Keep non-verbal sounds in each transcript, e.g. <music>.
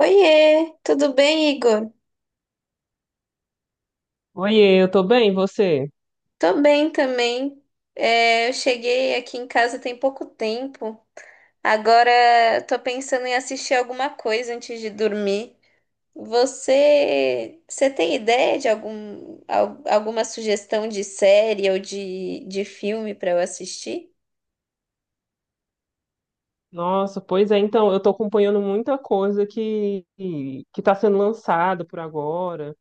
Oiê, tudo bem, Igor? Oiê, eu tô bem, e você? Tô bem também. É, eu cheguei aqui em casa tem pouco tempo. Agora tô pensando em assistir alguma coisa antes de dormir. Você tem ideia de alguma sugestão de série ou de filme para eu assistir? Nossa, pois é, então, eu tô acompanhando muita coisa que tá sendo lançada por agora,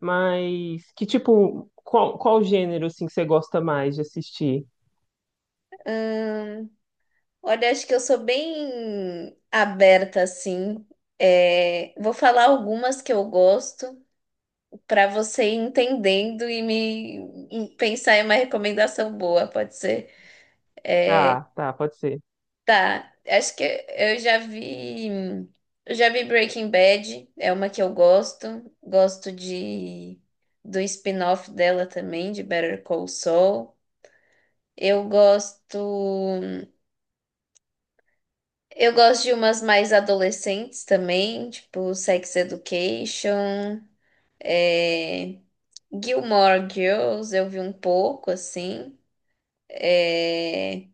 mas que tipo, qual gênero assim que você gosta mais de assistir? Olha, acho que eu sou bem aberta assim. É, vou falar algumas que eu gosto, para você ir entendendo e me e pensar em uma recomendação boa, pode ser? Tá, pode ser. Tá, acho que eu já vi, eu já vi Breaking Bad, é uma que eu gosto, gosto de do spin-off dela também, de Better Call Saul. Eu gosto, eu gosto de umas mais adolescentes também, tipo Sex Education, é, Gilmore Girls, eu vi um pouco assim. É,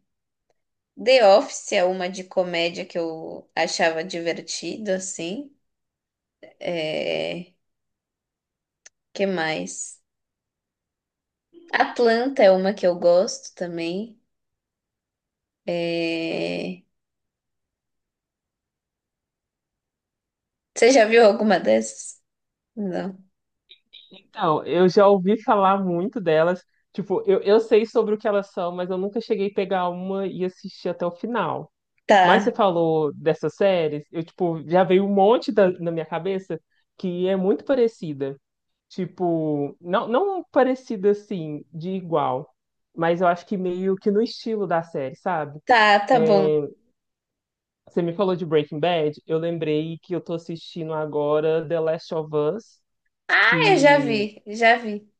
The Office é uma de comédia que eu achava divertido, assim. É... Que mais? Atlanta é uma que eu gosto também. É... Você já viu alguma dessas? Não. Então, eu já ouvi falar muito delas. Tipo, eu sei sobre o que elas são, mas eu nunca cheguei a pegar uma e assistir até o final. Mas você Tá, falou dessas séries, eu, tipo, já veio um monte na minha cabeça que é muito parecida. Tipo, não parecida assim, de igual, mas eu acho que meio que no estilo da série, sabe? tá, tá bom. É, você me falou de Breaking Bad, eu lembrei que eu tô assistindo agora The Last of Us, Ah, eu já que vi, já vi.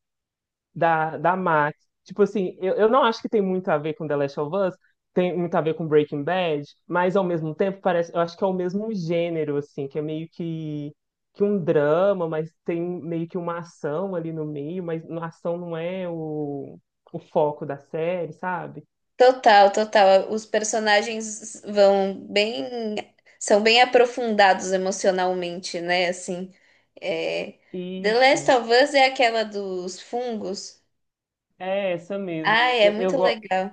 da Max. Tipo assim, eu não acho que tem muito a ver com The Last of Us, tem muito a ver com Breaking Bad, mas ao mesmo tempo parece, eu acho que é o mesmo gênero, assim, que é meio que um drama, mas tem meio que uma ação ali no meio, mas a ação não é o foco da série, sabe? Total, total. Os personagens vão bem, são bem aprofundados emocionalmente, né? Assim, é... The Last Isso, of Us é aquela dos fungos. é essa mesmo. Ah, é muito legal.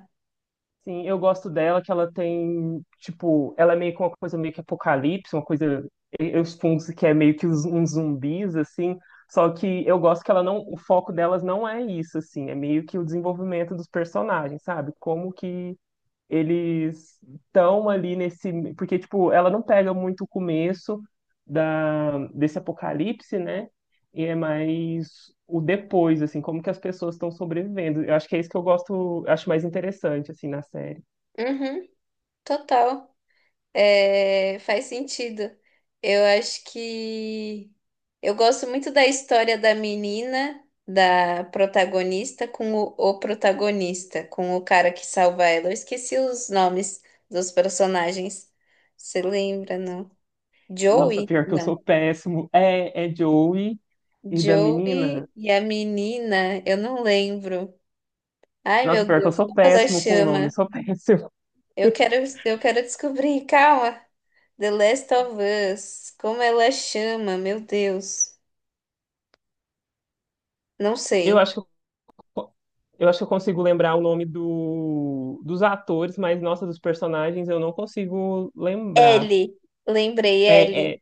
Sim, eu gosto dela, que ela tem, tipo, ela é meio que uma coisa meio que apocalipse, uma coisa, eu suponho que é meio que uns zumbis, assim, só que eu gosto que ela não, o foco delas não é isso, assim, é meio que o desenvolvimento dos personagens, sabe? Como que eles estão ali nesse. Porque, tipo, ela não pega muito o começo desse apocalipse, né? E é mais o depois, assim, como que as pessoas estão sobrevivendo. Eu acho que é isso que eu gosto, acho mais interessante, assim, na série. Uhum, total. É, faz sentido. Eu acho que eu gosto muito da história da menina, da protagonista, com o protagonista, com o cara que salva ela. Eu esqueci os nomes dos personagens. Você lembra, não? Nossa, Joey? pior que eu Não. sou péssimo. É, é Joey e da menina. Joey e a menina, eu não lembro. Ai, Nossa, meu pior que eu Deus, sou como ela péssimo com o nome, chama? sou <laughs> péssimo. Eu quero, eu quero descobrir, calma. The Last of Us. Como ela chama? Meu Deus. Não Eu sei. acho que co- Eu acho que eu consigo lembrar o nome dos atores, mas, nossa, dos personagens eu não consigo lembrar. Ellie. Lembrei, Ellie. É, é,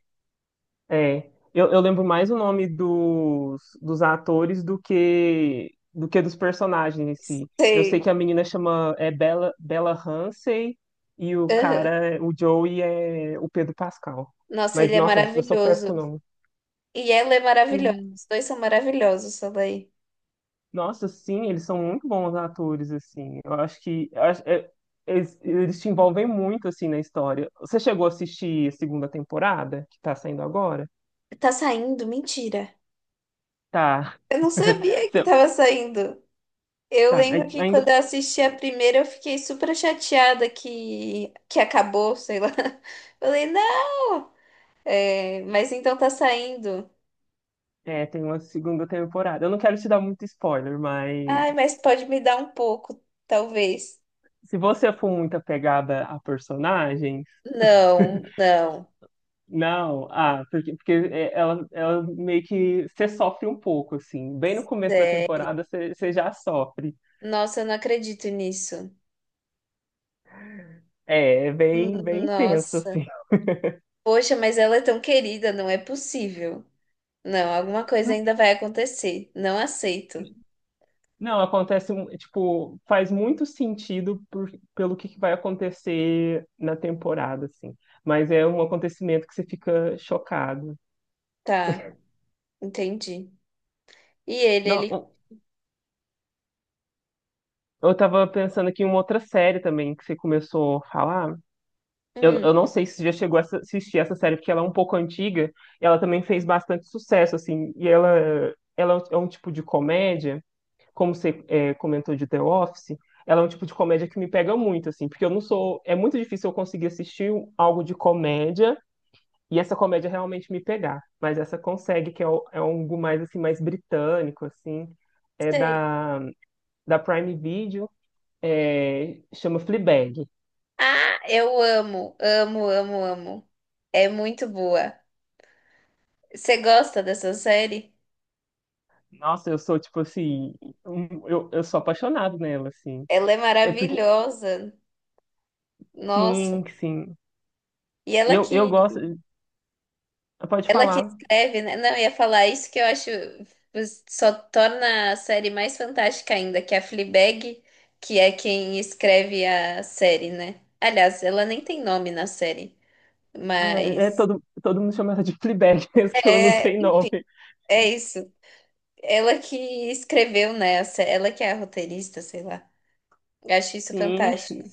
é. Eu lembro mais o nome dos atores do que dos personagens em si. Eu sei Sei. que a menina chama é Bella Ramsey e o Aham. cara, o Joey, é o Pedro Pascal. Nossa, Mas, ele é nossa, eu sou péssimo maravilhoso. com o E ela é maravilhosa. nome. Os dois são maravilhosos, daí. Nossa, sim, eles são muito bons atores, assim. Eu acho que eu acho- é- Eles te envolvem muito, assim, na história. Você chegou a assistir a segunda temporada, que tá saindo agora? Tá saindo? Mentira. Tá. Eu não <laughs> sabia que Você- tava saindo. Eu Tá, aí lembro que ainda quando eu assisti a primeira, eu fiquei super chateada que acabou, sei lá. <laughs> Falei, não! É, mas então tá saindo. é, tem uma segunda temporada. Eu não quero te dar muito spoiler, mas Ai, mas pode me dar um pouco, talvez. se você for muito apegada a personagens, <laughs> Não, não. não, ah, porque é, ela meio que você sofre um pouco, assim. Bem no começo da É, temporada você já sofre. nossa, eu não acredito nisso. É, é Hum, bem, bem intenso, Nossa. assim. Poxa, mas ela é tão querida, não é possível. Não, alguma coisa ainda vai acontecer. Não aceito. Não, acontece, tipo, faz muito sentido pelo que vai acontecer na temporada, assim. Mas é um acontecimento que você fica chocado. Tá, entendi. E ele, Não, ele. um- eu tava pensando aqui em uma outra série também que você começou a falar. Eu, Hum, eu não sei se você já chegou a assistir essa série, porque ela é um pouco antiga e ela também fez bastante sucesso, assim. E ela é é um tipo de comédia. Como você é, comentou de The Office, ela é um tipo de comédia que me pega muito, assim, porque eu não sou. É muito difícil eu conseguir assistir algo de comédia e essa comédia realmente me pegar. Mas essa consegue, que é, é algo mais, assim, mais britânico, assim. É sei. Da Prime Video, é, chama Fleabag. Ah, eu amo, amo, amo, amo. É muito boa. Você gosta dessa série? Nossa, eu sou, tipo assim. Eu sou apaixonado nela, assim. Ela é É porque. maravilhosa. Nossa. Sim. E E ela eu que gosto. Pode Ela que falar. escreve, né? Não, eu ia falar isso que eu acho só torna a série mais fantástica ainda, que é a Fleabag, que é quem escreve a série, né? Aliás, ela nem tem nome na série, É, é, mas todo mundo chama ela de Fleabag, <laughs> mesmo que ela não é, tem nome. é isso. Ela que escreveu, né? Ela que é a roteirista, sei lá. Eu acho isso Sim, fantástico.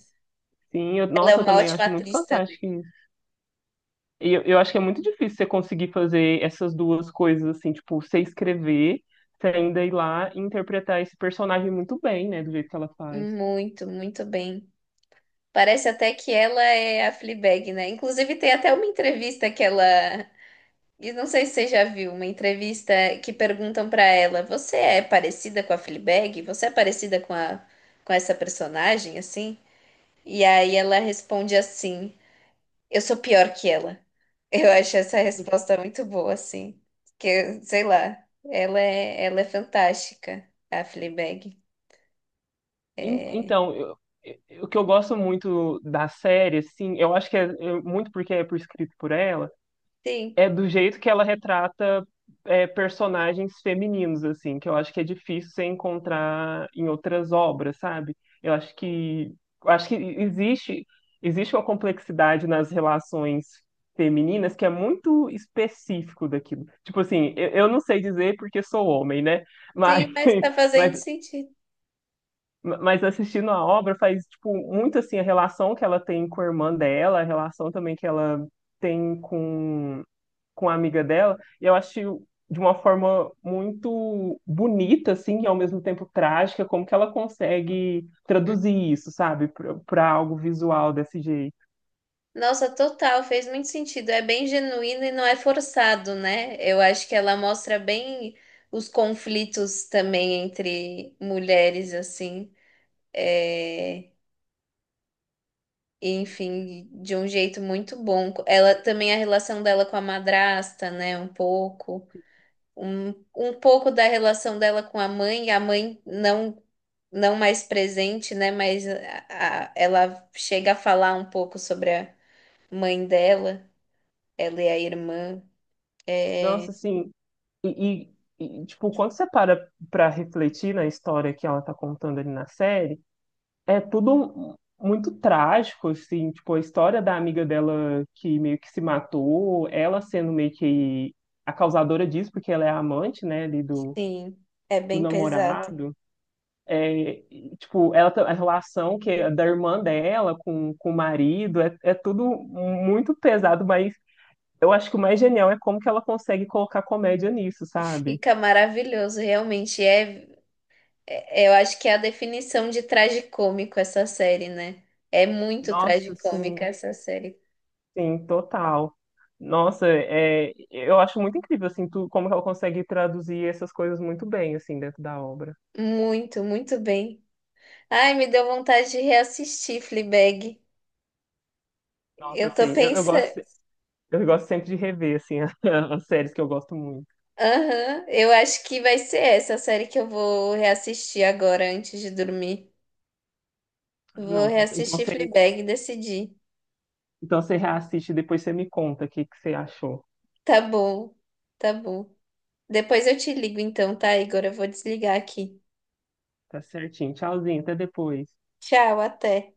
sim. Eu, Ela é nossa, eu uma também ótima acho muito atriz também. fantástico isso. E eu acho que é muito difícil você conseguir fazer essas duas coisas, assim, tipo, você escrever, você ainda ir lá e interpretar esse personagem muito bem, né, do jeito que ela faz. Muito, muito bem. Parece até que ela é a Fleabag, né? Inclusive tem até uma entrevista que ela E não sei se você já viu uma entrevista que perguntam pra ela: "Você é parecida com a Fleabag? Você é parecida com a com essa personagem assim?" E aí ela responde assim: "Eu sou pior que ela." <laughs> Eu acho essa resposta muito boa assim, que sei lá, ela é fantástica, a Fleabag. En- Então, eu- o que eu gosto muito da série, assim, eu acho que é muito porque é por escrito por ela, Sim, é do jeito que ela retrata é, personagens femininos, assim, que eu acho que é difícil você encontrar em outras obras, sabe? Eu acho que eu acho que existe existe uma complexidade nas relações femininas que é muito específico daquilo. Tipo assim, eu não sei dizer porque sou homem, né? sim, Mas, mas <laughs> tá fazendo mas sentido. mas assistindo a obra faz tipo muito assim a relação que ela tem com a irmã dela, a relação também que ela tem com a amiga dela, e eu acho de uma forma muito bonita, assim, e ao mesmo tempo trágica, como que ela consegue traduzir isso, sabe, para algo visual desse jeito. Nossa, total, fez muito sentido. É bem genuíno e não é forçado, né? Eu acho que ela mostra bem os conflitos também entre mulheres, assim. É... Enfim, de um jeito muito bom. Ela também a relação dela com a madrasta, né? Um pouco. Um, um pouco da relação dela com a mãe, não mais presente, né? Mas ela chega a falar um pouco sobre a mãe dela, ela e a irmã. É, Nossa, assim, e, e, tipo, quando você para refletir na história que ela tá contando ali na série, é tudo muito trágico, assim, tipo, a história da amiga dela que meio que se matou, ela sendo meio que a causadora disso, porque ela é a amante, né, ali do, sim, é do bem pesado. namorado. É, tipo, a relação que é da irmã dela com o marido é, é tudo muito pesado, mas eu acho que o mais genial é como que ela consegue colocar comédia nisso, sabe? Fica maravilhoso, realmente. É, eu acho que é a definição de tragicômico essa série, né? É muito Nossa, tragicômica sim, essa série. sim, total. Nossa, é, eu acho muito incrível, assim, tu, como que ela consegue traduzir essas coisas muito bem, assim, dentro da obra. Muito, muito bem. Ai, me deu vontade de reassistir Fleabag. Nossa, Eu tô assim, pensando. Eu gosto sempre de rever, assim, <laughs> as séries que eu gosto muito. Aham, eu acho que vai ser essa a série que eu vou reassistir agora antes de dormir. Vou Não, então reassistir você, Fleabag e decidir. Então você reassiste e depois você me conta o que que você achou. Tá bom, tá bom. Depois eu te ligo então, tá, Igor? Eu vou desligar aqui. Tá certinho. Tchauzinho, até depois. Tchau, até.